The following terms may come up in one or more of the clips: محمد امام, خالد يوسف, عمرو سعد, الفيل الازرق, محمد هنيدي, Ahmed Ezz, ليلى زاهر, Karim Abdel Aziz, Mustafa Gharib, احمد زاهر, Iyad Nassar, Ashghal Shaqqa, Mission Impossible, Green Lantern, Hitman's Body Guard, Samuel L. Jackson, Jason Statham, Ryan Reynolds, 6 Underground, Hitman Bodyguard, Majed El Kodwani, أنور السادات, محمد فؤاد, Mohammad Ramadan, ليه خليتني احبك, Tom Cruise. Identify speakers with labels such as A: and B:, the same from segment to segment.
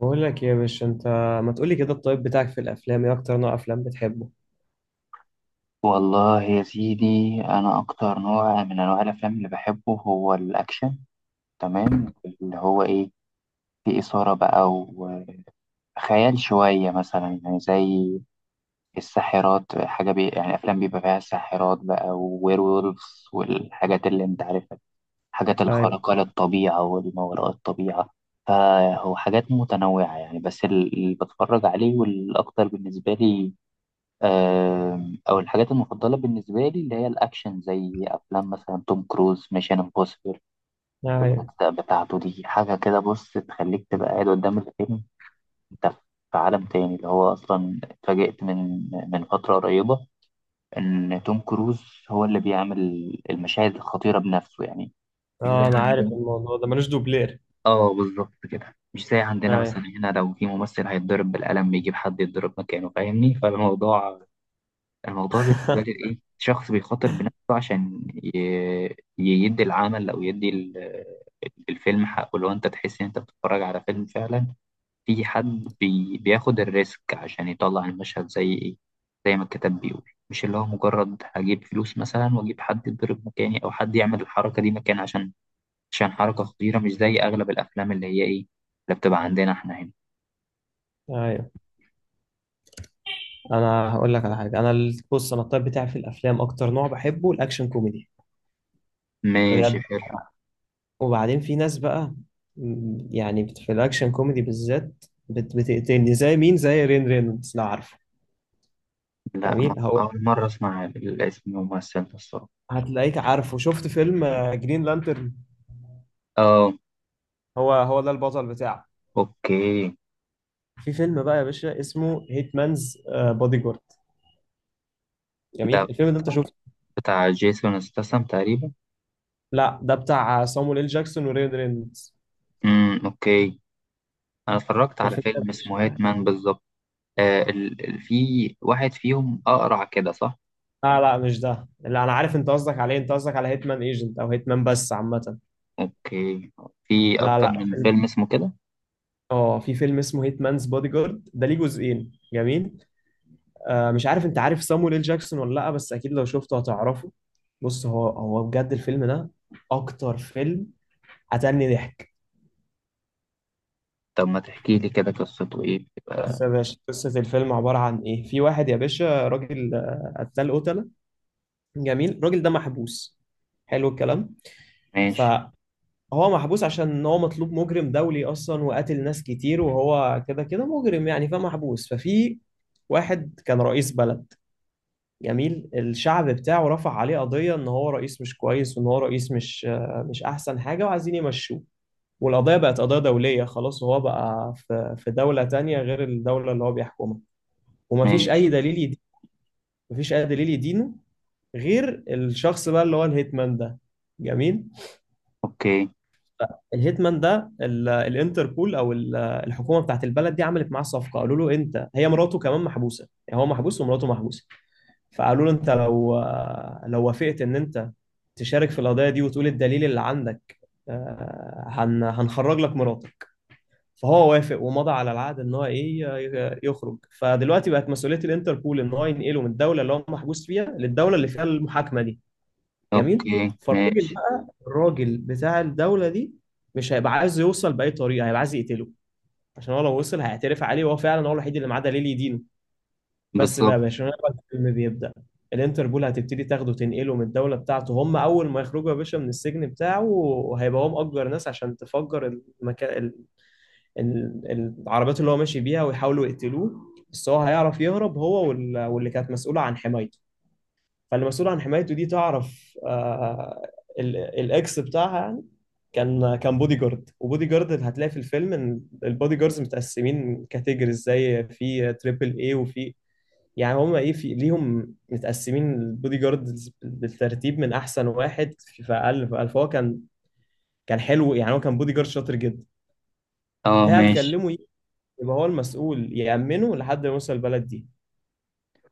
A: بقول لك إيه يا باشا انت، ما تقولي كده، الطيب بتاعك في الافلام، ايه اكتر نوع افلام بتحبه؟
B: والله يا سيدي، أنا أكتر نوع من أنواع الأفلام اللي بحبه هو الأكشن. تمام، اللي هو إيه؟ في إثارة بقى وخيال شوية مثلا، يعني زي الساحرات، حاجة بي يعني، أفلام بيبقى فيها ساحرات بقى، ووير وولفز والحاجات اللي أنت عارفها. الحاجات
A: ايوه،
B: الخارقة للطبيعة والما وراء الطبيعة. فهو حاجات متنوعة يعني، بس اللي بتفرج عليه والأكتر بالنسبة لي، او الحاجات المفضله بالنسبه لي اللي هي الاكشن، زي افلام مثلا توم كروز، ميشن امبوسيبل.
A: ايوه.
B: والاجزاء بتاعته دي حاجه كده، بص، تخليك تبقى قاعد قدام الفيلم. انت في عالم تاني. اللي هو اصلا اتفاجئت من فتره قريبه ان توم كروز هو اللي بيعمل المشاهد الخطيره بنفسه يعني. مش زي
A: اه، انا عارف
B: عندنا.
A: الموضوع ده ملوش دوبلير.
B: اه، بالظبط كده، مش زي عندنا. مثلا
A: ايوه.
B: هنا لو في ممثل هيتضرب بالقلم بيجيب حد يتضرب مكانه، فاهمني؟ الموضوع بالنسبة لي إيه؟ شخص بيخاطر بنفسه عشان يدي العمل، أو يدي الفيلم حقه. لو أنت تحس إن أنت بتتفرج على فيلم فعلا، في حد بياخد الريسك عشان يطلع المشهد زي إيه؟ زي ما الكتاب بيقول. مش اللي هو مجرد هجيب فلوس مثلا وأجيب حد يضرب مكاني، أو حد يعمل الحركة دي مكان عشان حركة خطيرة. مش زي أغلب الأفلام اللي هي إيه، اللي بتبقى عندنا إحنا هنا.
A: ايوه، انا هقول لك على حاجه. انا بص، انا الطيب بتاعي في الافلام اكتر نوع بحبه الاكشن كوميدي.
B: ماشي،
A: بجد.
B: حلو.
A: وبعدين في ناس بقى، يعني في الاكشن كوميدي بالذات بتقتلني زي مين، زي رين رينولدز، لو عارفه.
B: لا،
A: جميل، هقول
B: أول مرة أسمع الاسم، الممثل ده، الصراحة.
A: هتلاقيك عارفه. شفت فيلم جرين لانترن؟
B: آه.
A: هو ده البطل بتاعه.
B: اوكي.
A: في فيلم بقى يا باشا اسمه هيت مانز بودي جارد.
B: ده
A: جميل
B: بتاع،
A: الفيلم ده، انت شفته؟
B: بتاع جيسون ستاثام تقريبا.
A: لا، ده بتاع صامويل إل جاكسون وريان رينولدز.
B: امم، اوكي. انا اتفرجت على
A: الفيلم ده
B: فيلم
A: مش...
B: اسمه هيتمان بالظبط. آه، في واحد فيهم اقرع كده، صح؟
A: لا، لا، مش ده. لا، انا عارف انت قصدك عليه، انت قصدك على هيتمان ايجنت او هيتمان بس عامه.
B: اوكي. في
A: لا،
B: اكتر
A: لا،
B: من فيلم اسمه كده.
A: اه، في فيلم اسمه هيتمانز بودي جارد ده ليه جزئين، جميل. مش عارف انت عارف صامويل إل جاكسون ولا لا، بس اكيد لو شفته هتعرفه. بص، هو بجد الفيلم ده اكتر فيلم قتلني ضحك.
B: طب ما تحكي لي كده، قصته ايه
A: بس
B: بتبقى؟
A: يا باشا قصة الفيلم عبارة عن إيه؟ في واحد يا باشا راجل، قتلة. جميل، الراجل ده محبوس. حلو الكلام.
B: ماشي.
A: فهو محبوس عشان هو مطلوب، مجرم دولي أصلا وقتل ناس كتير، وهو كده كده مجرم يعني، فمحبوس. ففي واحد كان رئيس بلد. جميل. الشعب بتاعه رفع عليه قضية إن هو رئيس مش كويس، وإن هو رئيس مش أحسن حاجة، وعايزين يمشوه. والقضية بقت قضية دولية خلاص، وهو بقى في دولة تانية غير الدولة اللي هو بيحكمها. ومفيش
B: ماشي.
A: أي دليل، مفيش اي دليل يدينه غير الشخص بقى اللي هو الهيتمان ده. جميل.
B: اوكي.
A: الهيتمان ده، الانتربول او الحكومه بتاعت البلد دي عملت معاه صفقه. قالوا له انت، هي مراته كمان محبوسه، يعني هو محبوس ومراته محبوسه. فقالوا له انت لو، وافقت ان انت تشارك في القضيه دي وتقول الدليل اللي عندك، هنخرج لك مراتك. فهو وافق ومضى على العقد ان هو ايه، يخرج. فدلوقتي بقت مسؤوليه الانتربول ان هو ينقله من الدوله اللي هو محبوس فيها للدوله اللي فيها المحاكمه دي. جميل.
B: اوكي،
A: فالراجل
B: ماشي.
A: بقى، الراجل بتاع الدولة دي، مش هيبقى عايز يوصل بأي طريقة، هيبقى عايز يقتله. عشان هو لو وصل هيعترف عليه، وهو فعلا هو الوحيد اللي معاه دليل يدينه. بس بقى يا
B: بالظبط.
A: باشا، هنا بقى الفيلم بيبدأ. الانتربول هتبتدي تاخده، تنقله من الدولة بتاعته. هم أول ما يخرجوا يا باشا من السجن بتاعه، وهيبقى هو مأجر ناس عشان تفجر المكان، العربيات اللي هو ماشي بيها، ويحاولوا يقتلوه. بس هو هيعرف يهرب هو واللي كانت مسؤولة عن حمايته. فالمسؤول عن حمايته دي تعرف، الاكس بتاعها يعني كان، بودي جارد. وبودي جارد هتلاقي في الفيلم ان البودي جاردز متقسمين كاتيجوريز، زي في تريبل اي وفي... يعني هم ايه، في ليهم متقسمين البودي جاردز بالترتيب من احسن واحد في في اقل في اقل. فهو كان، كان حلو يعني، هو كان بودي جارد شاطر جدا.
B: اه، ماشي.
A: فهتكلمه إيه؟ يبقى هو المسؤول يأمنه لحد ما يوصل البلد دي.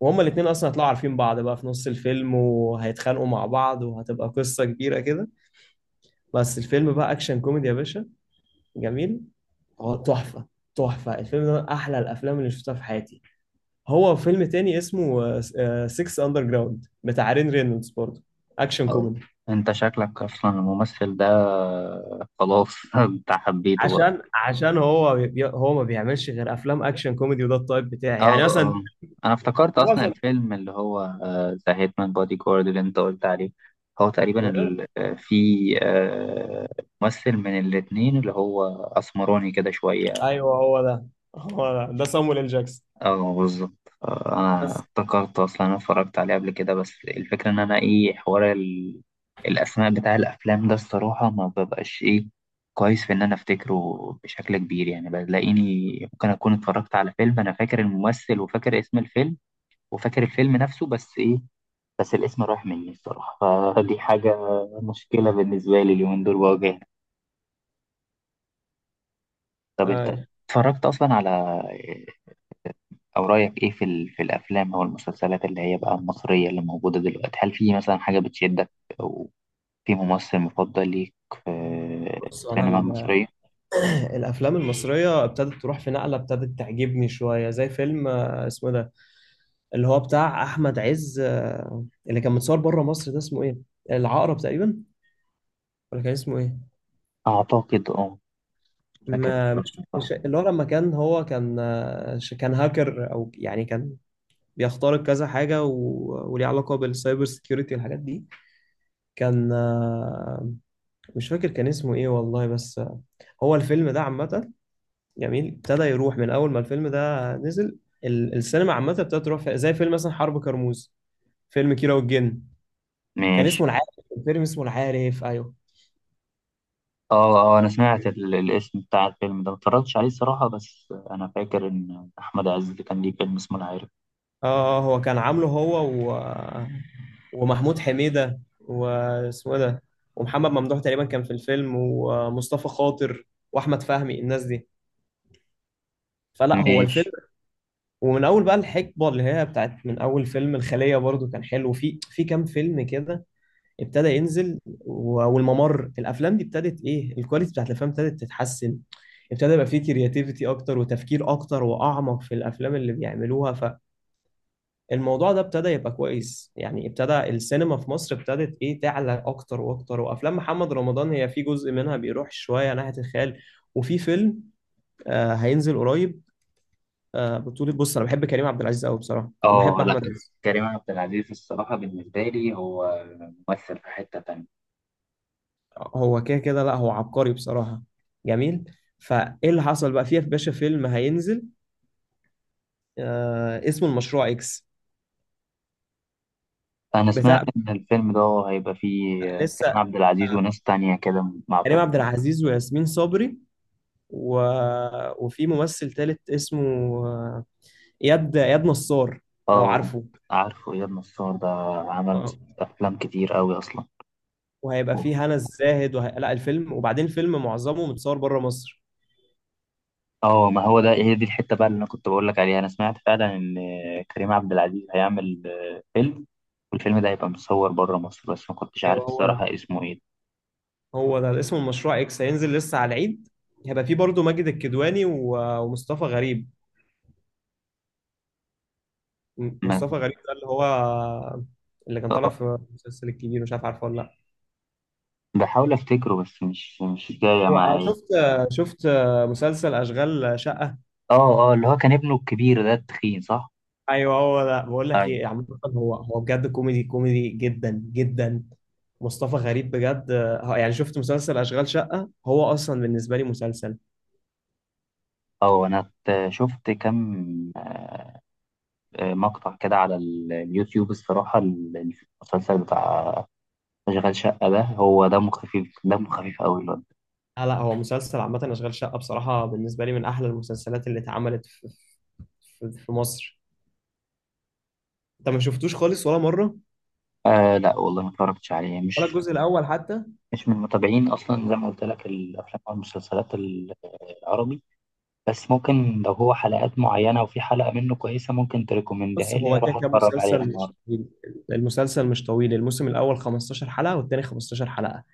A: وهما الاتنين اصلا هيطلعوا عارفين بعض بقى في نص الفيلم، وهيتخانقوا مع بعض، وهتبقى قصة كبيرة كده. بس الفيلم بقى اكشن كوميدي يا باشا. جميل، هو تحفه. تحفه الفيلم ده، من احلى الافلام اللي شفتها في حياتي. هو فيلم تاني اسمه 6 اندر جراوند بتاع رين رينولدز برضه، اكشن
B: آه،
A: كوميدي.
B: انت شكلك اصلا الممثل ده خلاص، انت حبيته بقى.
A: عشان هو ما بيعملش غير افلام اكشن كوميدي، وده التايب بتاعي
B: اه
A: يعني، مثلا
B: اه، انا افتكرت اصلا
A: معظم...
B: الفيلم اللي هو ذا هيتمان بودي جارد اللي انت قلت عليه، هو تقريبا في آه، ممثل من الاتنين اللي هو اسمراني كده شوية.
A: ايوه، هو ده. هو ده سامويل ال جاكسون.
B: اه، بالظبط. انا
A: بس.
B: افتكرت اصلا، انا اتفرجت عليه قبل كده، بس الفكرة ان انا ايه، حوار الاسماء بتاع الافلام ده الصراحة ما ببقاش ايه، كويس في ان انا افتكره بشكل كبير. يعني بلاقيني ممكن اكون اتفرجت على فيلم، انا فاكر الممثل وفاكر اسم الفيلم وفاكر الفيلم نفسه، بس ايه، بس الاسم رايح مني الصراحة. فدي حاجة مشكلة بالنسبة لي اليومين دول بواجهها. طب انت
A: أيوة.
B: اتفرجت اصلا على او رايك ايه في في الافلام او المسلسلات اللي هي بقى المصرية اللي موجودة دلوقتي؟ هل في مثلا حاجة بتشدك، او في ممثل مفضل ليك في
A: بص انا
B: السينما المصرية؟
A: الافلام المصريه ابتدت تروح في نقله، ابتدت تعجبني شويه، زي فيلم، اسمه ده اللي هو بتاع احمد عز، اللي كان متصور بره مصر، ده اسمه ايه؟ العقرب تقريبا، ولا كان اسمه ايه؟
B: اعتقد اه. فاكر
A: ما
B: الفيلم،
A: مش, مش
B: صح.
A: اللي هو لما كان، هو كان كان هاكر، او يعني كان بيخترق كذا حاجه وليه علاقه بالسايبر سيكيورتي والحاجات دي. كان مش فاكر كان اسمه ايه والله، بس هو الفيلم ده عامه جميل، ابتدى يروح. من اول ما الفيلم ده نزل، السينما عامه ابتدت تروح زي فيلم مثلا حرب كرموز، فيلم كيرة والجن. كان
B: ماشي.
A: اسمه العارف. الفيلم اسمه العارف، ايوه.
B: اه اه، انا سمعت الاسم بتاع الفيلم ده، ما اتفرجتش عليه الصراحة، بس انا فاكر ان احمد عز كان ليه فيلم اسمه العارف.
A: اه، هو كان عامله هو و... ومحمود حميدة واسمه إيه ده، ومحمد ممدوح تقريبا كان في الفيلم، ومصطفى خاطر واحمد فهمي، الناس دي. فلا، هو
B: ماشي.
A: الفيلم. ومن اول بقى الحقبه اللي هي بتاعت من اول فيلم الخليه برضو، كان حلو في كام فيلم كده ابتدى ينزل، والممر، الافلام دي ابتدت ايه، الكواليتي بتاعت الافلام ابتدت تتحسن. ابتدى يبقى في كرياتيفيتي اكتر، وتفكير اكتر واعمق في الافلام اللي بيعملوها. الموضوع ده ابتدى يبقى كويس يعني، ابتدى السينما في مصر ابتدت ايه، تعلى اكتر واكتر. وافلام محمد رمضان هي في جزء منها بيروح شويه ناحيه الخيال. وفي فيلم هينزل قريب، بطولة... بص انا بحب كريم عبد العزيز قوي بصراحه، وبحب
B: اه، لا،
A: احمد عز.
B: كريم عبد العزيز الصراحة بالنسبة لي هو ممثل في حتة تانية.
A: هو كده كده. لا، هو عبقري بصراحه. جميل. فايه اللي حصل بقى فيه، يا باشا فيلم هينزل اسمه المشروع اكس.
B: أنا سمعت
A: بتاع...
B: إن الفيلم ده هيبقى فيه
A: لسه...
B: كريم عبد العزيز
A: آه
B: وناس تانية كده. ما
A: كريم
B: أعتقد.
A: عبد العزيز وياسمين صبري و... وفي ممثل تالت اسمه، آه، اياد نصار، لو
B: اه،
A: عارفه.
B: عارفه إياد نصار ده، عمل
A: اه،
B: أفلام كتير أوي أصلا.
A: وهيبقى فيه هنا الزاهد لا، الفيلم، وبعدين الفيلم معظمه متصور بره مصر.
B: اه، ما هو ده، هي دي الحتة بقى اللي أنا كنت بقول لك عليها. أنا سمعت فعلا إن كريم عبد العزيز هيعمل فيلم، والفيلم ده هيبقى مصور بره مصر، بس ما كنتش عارف
A: ايوه، هو ده.
B: الصراحة اسمه إيه.
A: هو ده اسمه المشروع اكس، هينزل لسه على العيد. هيبقى فيه برضه ماجد الكدواني ومصطفى غريب.
B: ما-
A: مصطفى غريب ده اللي هو اللي كان طالع في المسلسل الكبير، مش عارف عارفه ولا لا.
B: بحاول افتكره بس مش جاية
A: هو،
B: معايا.
A: شفت مسلسل اشغال شقة؟
B: اه اه، اللي هو كان ابنه الكبير ده التخين، صح؟
A: ايوه، هو ده. بقول لك
B: ايوه.
A: ايه عامه، هو بجد كوميدي كوميدي جدا جدا. مصطفى غريب بجد. يعني شفت مسلسل اشغال شقه، هو اصلا بالنسبه لي مسلسل...
B: اه، انا شفت كام مقطع كده على اليوتيوب الصراحة. المسلسل بتاع اشغال شقة ده، هو دمه خفيف، دمه خفيف قوي الواد.
A: لا، لا، هو مسلسل عامه اشغال شقه، بصراحه بالنسبه لي من احلى المسلسلات اللي اتعملت في مصر. انت ما شفتوش خالص ولا مره؟
B: آه لا، والله ما اتفرجتش عليه.
A: ولا الجزء الاول حتى؟
B: مش من متابعين اصلا، زي ما قلت لك، الافلام او المسلسلات العربي. بس ممكن لو هو حلقات معينة وفي حلقة منه كويسة، ممكن
A: بص،
B: تريكومندها لي
A: هو كده
B: اروح
A: كده
B: اتفرج عليها
A: مسلسل مش
B: النهارده.
A: طويل. المسلسل مش طويل، الموسم الاول 15 حلقه والتاني 15 حلقه.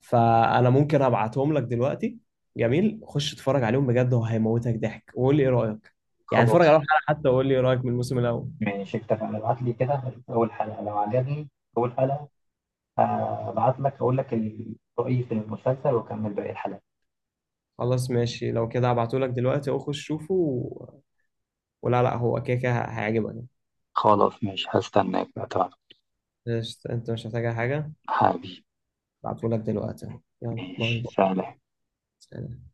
A: فانا ممكن ابعتهم لك دلوقتي. جميل، خش اتفرج عليهم بجد، هو هيموتك ضحك. وقول لي ايه رايك. يعني اتفرج عليهم
B: خلاص،
A: حلقه حتى، وقول لي ايه رايك من الموسم الاول.
B: ماشي، اتفقنا. ابعت لي كده أول حلقة، لو عجبني أول حلقة هبعت لك أقول لك رأيي في المسلسل وأكمل باقي الحلقة.
A: خلاص ماشي، لو كده هبعته لك دلوقتي اهو، خش شوفه ولا، لا، هو كده كده هيعجبك.
B: خلاص، ماشي، هستناك بقى. تمام،
A: قشطة، انت مش محتاج أي حاجه.
B: حبيبي.
A: هبعته لك دلوقتي، يلا باي
B: ماشي،
A: باي.
B: سلام.
A: سلام.